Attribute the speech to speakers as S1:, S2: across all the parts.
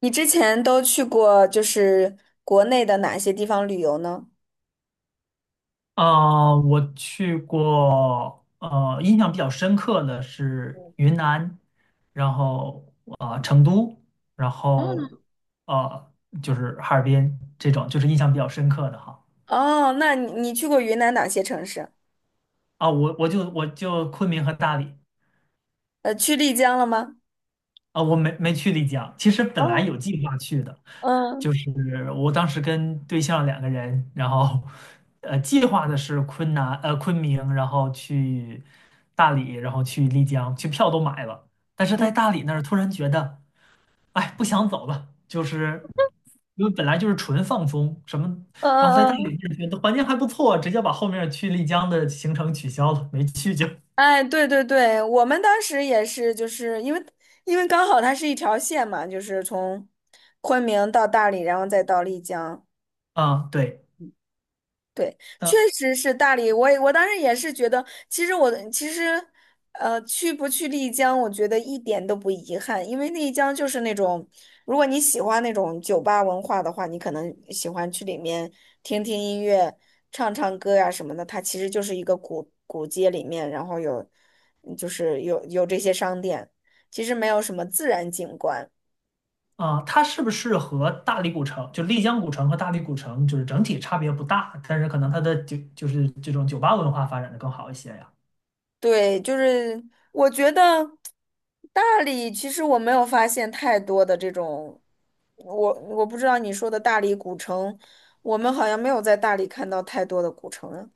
S1: 你之前都去过就是国内的哪些地方旅游呢？
S2: 我去过，印象比较深刻的是云南，然后啊、成都，然后呃，就是哈尔滨这种，就是印象比较深刻的哈。
S1: 哦，那你去过云南哪些城市？
S2: 啊，我就昆明和大理。
S1: 去丽江了吗？
S2: 啊，我没去丽江，其实本来
S1: 哦。
S2: 有计划去的，
S1: 嗯
S2: 就是我当时跟对象两个人，然后计划的是昆明，然后去大理，然后去丽江，去票都买了，但是
S1: 嗯。
S2: 在大理那儿突然觉得，哎，不想走了，就是因为本来就是纯放松什么，
S1: 嗯
S2: 然后在大理
S1: 嗯嗯。
S2: 那儿觉得环境还不错，直接把后面去丽江的行程取消了，没去就
S1: 哎，对对对，我们当时也是，就是因为刚好它是一条线嘛，就是从昆明到大理，然后再到丽江。
S2: 啊，对。
S1: 对，确实是大理。我当时也是觉得，其实我其实，去不去丽江，我觉得一点都不遗憾，因为丽江就是那种，如果你喜欢那种酒吧文化的话，你可能喜欢去里面听听音乐、唱唱歌呀、什么的。它其实就是一个古街里面，然后有，就是有这些商店，其实没有什么自然景观。
S2: 啊，它是不是和大理古城，就丽江古城和大理古城，就是整体差别不大，但是可能它的就是这种酒吧文化发展的更好一些呀？
S1: 对，就是我觉得大理其实我没有发现太多的这种，我不知道你说的大理古城，我们好像没有在大理看到太多的古城。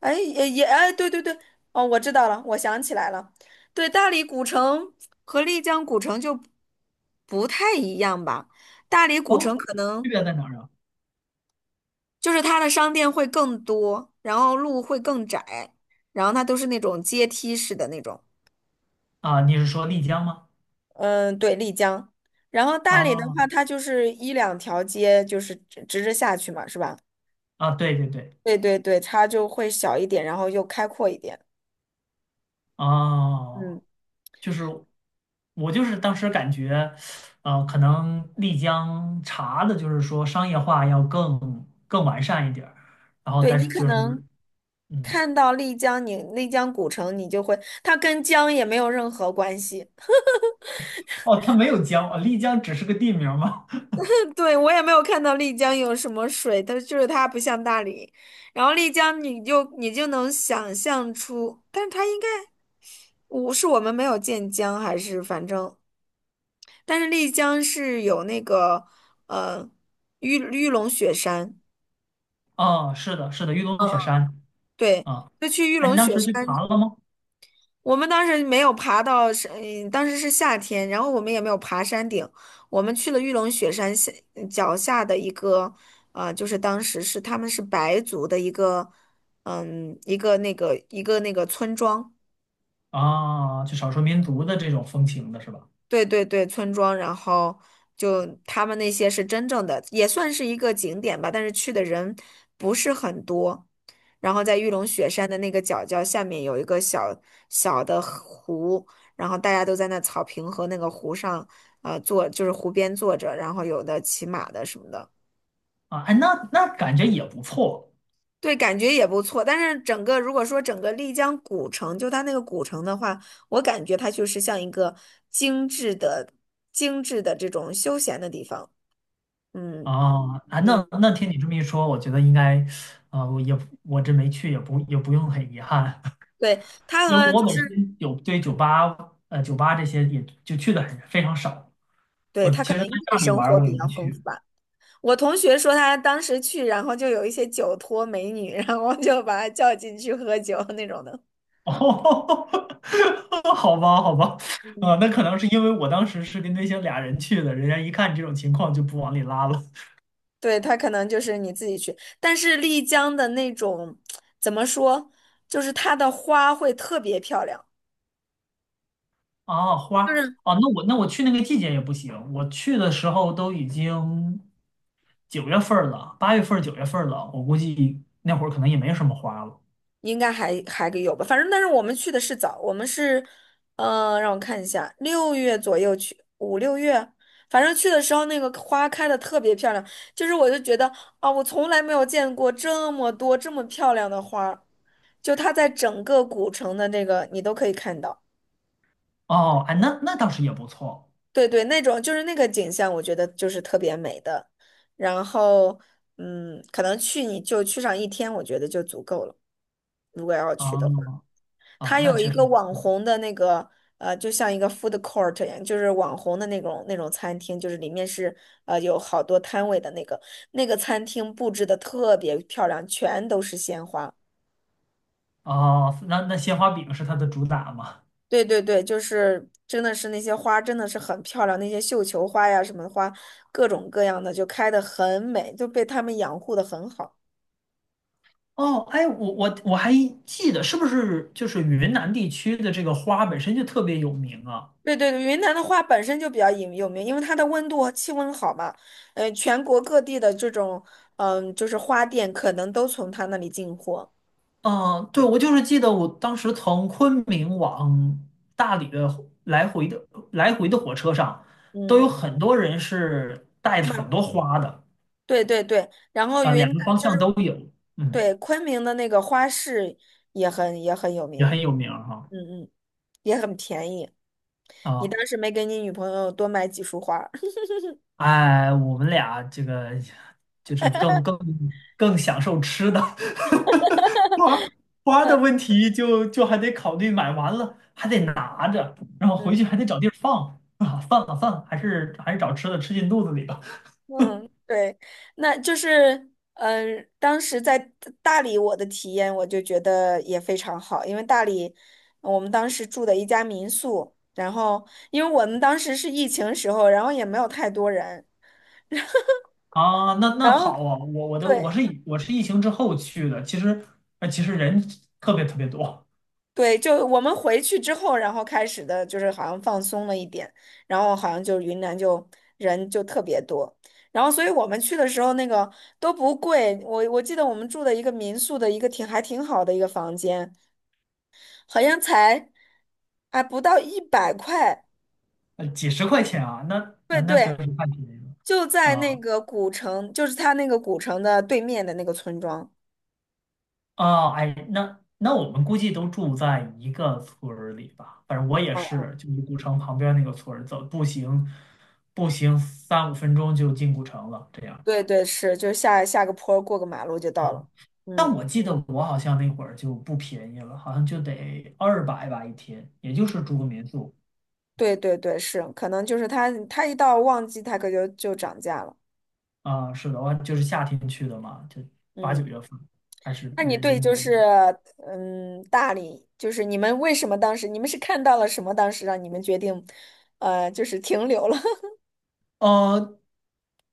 S1: 哎，哎，对对对。哦，我知道了，我想起来了，对，大理古城和丽江古城就不太一样吧。大理古
S2: 哦，
S1: 城可能
S2: 区别在哪儿啊？
S1: 就是它的商店会更多，然后路会更窄，然后它都是那种阶梯式的那种。
S2: 啊，你是说丽江吗？
S1: 嗯，对，丽江。然后大理的
S2: 啊
S1: 话，它就是一两条街，就是直直着下去嘛，是吧？
S2: 啊，对对对，
S1: 对对对，它就会小一点，然后又开阔一点。嗯，
S2: 哦，就是我就是当时感觉，可能丽江茶的就是说商业化要更完善一点儿，然后
S1: 对，
S2: 但
S1: 你
S2: 是
S1: 可
S2: 就是
S1: 能
S2: 嗯，
S1: 看到丽江，你丽江古城，你就会，它跟江也没有任何关系。
S2: 哦，它没有江啊，丽江只是个地名吗？
S1: 对，我也没有看到丽江有什么水，它就是它不像大理。然后丽江，你就能想象出，但是它应该，我们没有见江，还是反正。但是丽江是有那个呃玉龙雪山。
S2: 啊，是的，是的，玉
S1: 嗯。
S2: 龙雪山
S1: 对，
S2: 啊，
S1: 就去玉
S2: 哎，你
S1: 龙
S2: 当
S1: 雪
S2: 时去爬
S1: 山。
S2: 了吗？
S1: 我们当时没有爬到山，当时是夏天，然后我们也没有爬山顶，我们去了玉龙雪山下脚下的一个，就是当时是他们是白族的一个，一个村庄。
S2: 啊，就少数民族的这种风情的是吧？
S1: 对对对，村庄，然后就他们那些是真正的，也算是一个景点吧，但是去的人不是很多。然后在玉龙雪山的那个角下面有一个小小的湖，然后大家都在那草坪和那个湖上，坐就是湖边坐着，然后有的骑马的什么的，
S2: 啊，哎，那感觉也不错
S1: 对，感觉也不错。但是整个如果说整个丽江古城，就它那个古城的话，我感觉它就是像一个精致的、精致的这种休闲的地方。嗯
S2: 啊，哎，
S1: 嗯，
S2: 那听你这么一说，我觉得应该，啊，我这没去，也不用很遗憾，
S1: 对，他
S2: 因为
S1: 和就
S2: 我本
S1: 是
S2: 身有对酒吧，酒吧这些也就去的很非常少，
S1: 对
S2: 我
S1: 他可
S2: 其实
S1: 能
S2: 在
S1: 夜
S2: 那里
S1: 生
S2: 玩儿
S1: 活
S2: 我也
S1: 比
S2: 没
S1: 较丰富
S2: 去
S1: 吧。我同学说他当时去，然后就有一些酒托美女，然后就把他叫进去喝酒那种的。
S2: 哦，好吧，好吧，
S1: 嗯，
S2: 啊、那可能是因为我当时是跟那些俩人去的，人家一看这种情况就不往里拉了。
S1: 对，他可能就是你自己去，但是丽江的那种怎么说，就是它的花会特别漂亮。
S2: 啊，花
S1: 就
S2: 儿
S1: 是。
S2: 啊，那我去那个季节也不行，我去的时候都已经九月份儿了，八月份儿、九月份儿了，我估计那会儿可能也没什么花了。
S1: 应该还有吧，反正但是我们去的是早，我们是，让我看一下，六月左右去，5、6月，反正去的时候那个花开的特别漂亮，就是我就觉得啊，我从来没有见过这么多这么漂亮的花儿，就它在整个古城的那个你都可以看到，
S2: 哦，哎，那倒是也不错
S1: 对对，那种就是那个景象，我觉得就是特别美的，然后可能去你就去上一天，我觉得就足够了。
S2: 啊啊，
S1: 它
S2: 那
S1: 有一
S2: 确实，
S1: 个网红的那个就像一个 food court 一样，就是网红的那种餐厅，就是里面是有好多摊位的那个餐厅布置的特别漂亮，全都是鲜花。
S2: 哦，那鲜花饼是它的主打嘛。
S1: 对对对，就是真的是那些花真的是很漂亮，那些绣球花呀什么花，各种各样的就开的很美，就被他们养护的很好。
S2: 哦，哎，我还记得，是不是就是云南地区的这个花本身就特别有名啊？
S1: 对对对，云南的花本身就比较有名，因为它的温度和气温好嘛，全国各地的这种，就是花店可能都从他那里进货，
S2: 嗯，对，我就是记得我当时从昆明往大理的来回的来回的火车上，都
S1: 嗯，
S2: 有很多人是带着
S1: 卖，
S2: 很多花的，
S1: 对对对，然后
S2: 啊、
S1: 云
S2: 两
S1: 南
S2: 个方
S1: 就
S2: 向
S1: 是
S2: 都有，嗯，
S1: 对昆明的那个花市也很有
S2: 也
S1: 名，
S2: 很有名儿哈。
S1: 嗯嗯，也很便宜，你
S2: 啊，
S1: 当时没给你女朋友多买几束花儿。
S2: 哎，我们俩这个就是更享受吃的，花花的问 题就还得考虑，买完了还得拿着，然后
S1: 嗯
S2: 回去还得找地儿放啊，算了算了，还是找吃的吃进肚子里吧。
S1: 嗯，对，那就是，当时在大理我的体验，我就觉得也非常好，因为大理我们当时住的一家民宿，然后因为我们当时是疫情时候，然后也没有太多人，
S2: 啊，那
S1: 然
S2: 好
S1: 后
S2: 啊，我我的我
S1: 对
S2: 是以我是疫情之后去的，其实人特别特别多，
S1: 对，就我们回去之后，然后开始的就是好像放松了一点，然后好像就云南就人就特别多。然后，所以我们去的时候，那个都不贵。我记得我们住的一个民宿的一个还挺好的一个房间，好像才不到100块，
S2: 几十块钱啊，那
S1: 对
S2: 那那确
S1: 对，
S2: 实太便宜
S1: 就
S2: 了
S1: 在那
S2: 啊。
S1: 个古城，就是他那个古城的对面的那个村庄。
S2: 哦，哎，那我们估计都住在一个村儿里吧。反正我也
S1: 嗯嗯，
S2: 是，就是古城旁边那个村儿，走步行，步行三五分钟就进古城了。这样
S1: 对对是，就下个坡儿过个马路就到
S2: 啊，
S1: 了。嗯，
S2: 但我记得我好像那会儿就不便宜了，好像就得二百吧一天，也就是住个民宿
S1: 对对对是，可能就是他一到旺季，他可就涨价了。
S2: 啊。是的，我就是夏天去的嘛，就八九
S1: 嗯，
S2: 月份，还是
S1: 那你
S2: 人
S1: 对就
S2: 蛮
S1: 是
S2: 多。
S1: 大理，就是你们为什么当时你们是看到了什么，当时让你们决定就是停留了？
S2: 呃，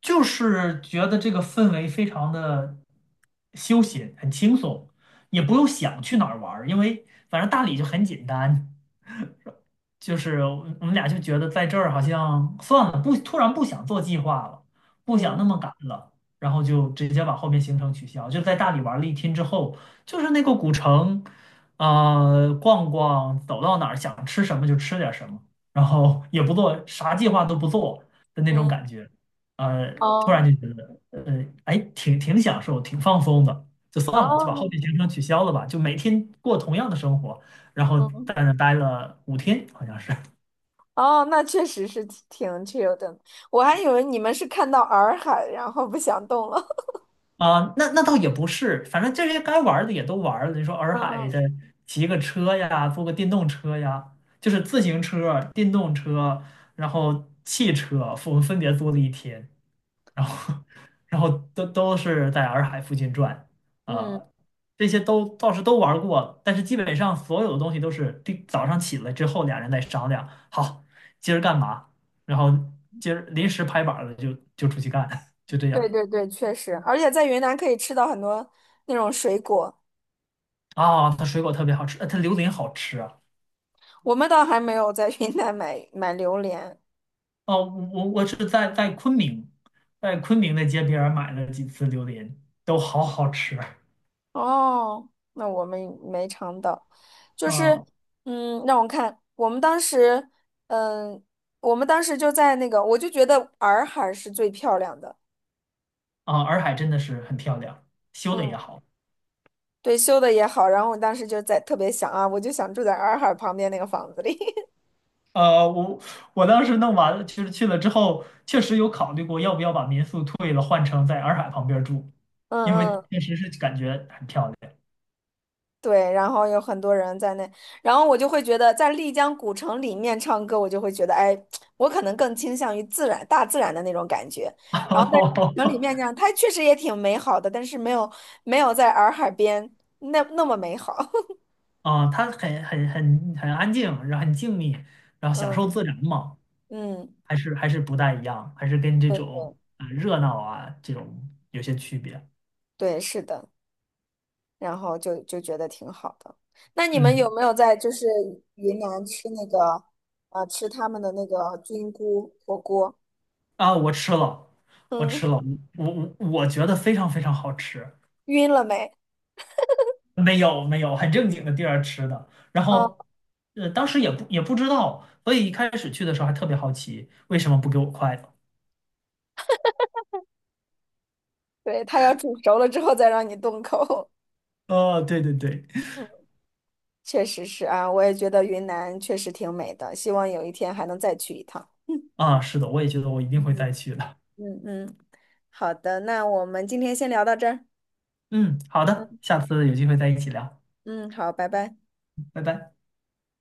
S2: 就是觉得这个氛围非常的休闲，很轻松，也不用想去哪儿玩儿因为反正大理就很简单。就是我们俩就觉得在这儿好像算了，不，突然不想做计划了，不想
S1: 嗯
S2: 那么赶了，然后就直接把后面行程取消。就在大理玩了一天之后，就是那个古城，逛逛，走到哪儿想吃什么就吃点儿什么，然后也不做啥计划都不做的那种
S1: 嗯。
S2: 感觉，呃，突
S1: 哦
S2: 然就觉得，哎，挺享受，挺放松的，就算了，就把后
S1: 哦。
S2: 面行程取消了吧，就每天过同样的生活。然后
S1: 嗯。
S2: 在那待了五天，好像是
S1: 哦，那确实是挺挺 chill 的。我还以为你们是看到洱海，然后不想动了。
S2: 啊、那倒也不是，反正这些该玩的也都玩了。你说 洱海
S1: 嗯
S2: 的，骑个车呀，坐个电动车呀，就是自行车、电动车，然后汽车，我们分别租了一天。然后 然后都是在洱海附近转，
S1: 嗯。嗯，
S2: 呃，这些都倒是都玩儿过，但是基本上所有的东西都是第早上起来之后，俩人再商量，好，今儿干嘛，然后今儿临时拍板儿了就出去干，就这
S1: 对
S2: 样
S1: 对对，确实，而且在云南可以吃到很多那种水果。
S2: 啊。它水果特别好吃，它榴莲好吃啊。
S1: 我们倒还没有在云南买买榴莲。
S2: 哦，我是在昆明，在昆明的街边儿买了几次榴莲，都好好吃啊。
S1: 哦，那我们没尝到。就是，
S2: 嗯
S1: 让我看，我们当时，嗯，我们当时就在那个，我就觉得洱海是最漂亮的。
S2: 啊，洱海真的是很漂亮，修的
S1: 嗯。
S2: 也好。
S1: 对，修的也好，然后我当时就在特别想啊，我就想住在洱海旁边那个房子里。
S2: 呃，我我当时弄完了，就实去了之后，确实有考虑过要不要把民宿退了，换成在洱海旁边儿住，
S1: 嗯
S2: 因为
S1: 嗯，
S2: 确实是感觉很漂亮。
S1: 对，然后有很多人在那，然后我就会觉得在丽江古城里面唱歌，我就会觉得，哎，我可能更倾向于自然、大自然的那种感觉。然后在城里 面这样，它确实也挺美好的，但是没有没有在洱海边那么美好。
S2: 啊它很安静，然后很静谧，然后享受
S1: 嗯
S2: 自然嘛，
S1: 嗯，
S2: 还是不大一样，还是跟这种热闹啊这种有些区别。
S1: 对，是的。然后就觉得挺好的。那你们
S2: 嗯
S1: 有没有在就是云南吃那个吃他们的那个菌菇火锅？
S2: 啊，我吃了，我
S1: 嗯，
S2: 吃了，我我觉得非常非常好吃。
S1: 晕了没？
S2: 没有没有，很正经的地儿吃的。然
S1: 啊，
S2: 后，当时也不知道，所以一开始去的时候还特别好奇，为什么不给我筷子？
S1: 对，它要煮熟了之后再让你动口。
S2: 哦，对对对，
S1: 嗯，确实是啊，我也觉得云南确实挺美的，希望有一天还能再去一趟。
S2: 啊，是的，我也觉得我一定
S1: 嗯
S2: 会
S1: 嗯。
S2: 再去的。
S1: 嗯嗯，好的，那我们今天先聊到这儿。
S2: 嗯，好的，
S1: 嗯
S2: 下次有机会再一起聊，
S1: 嗯，好，拜拜。
S2: 拜拜。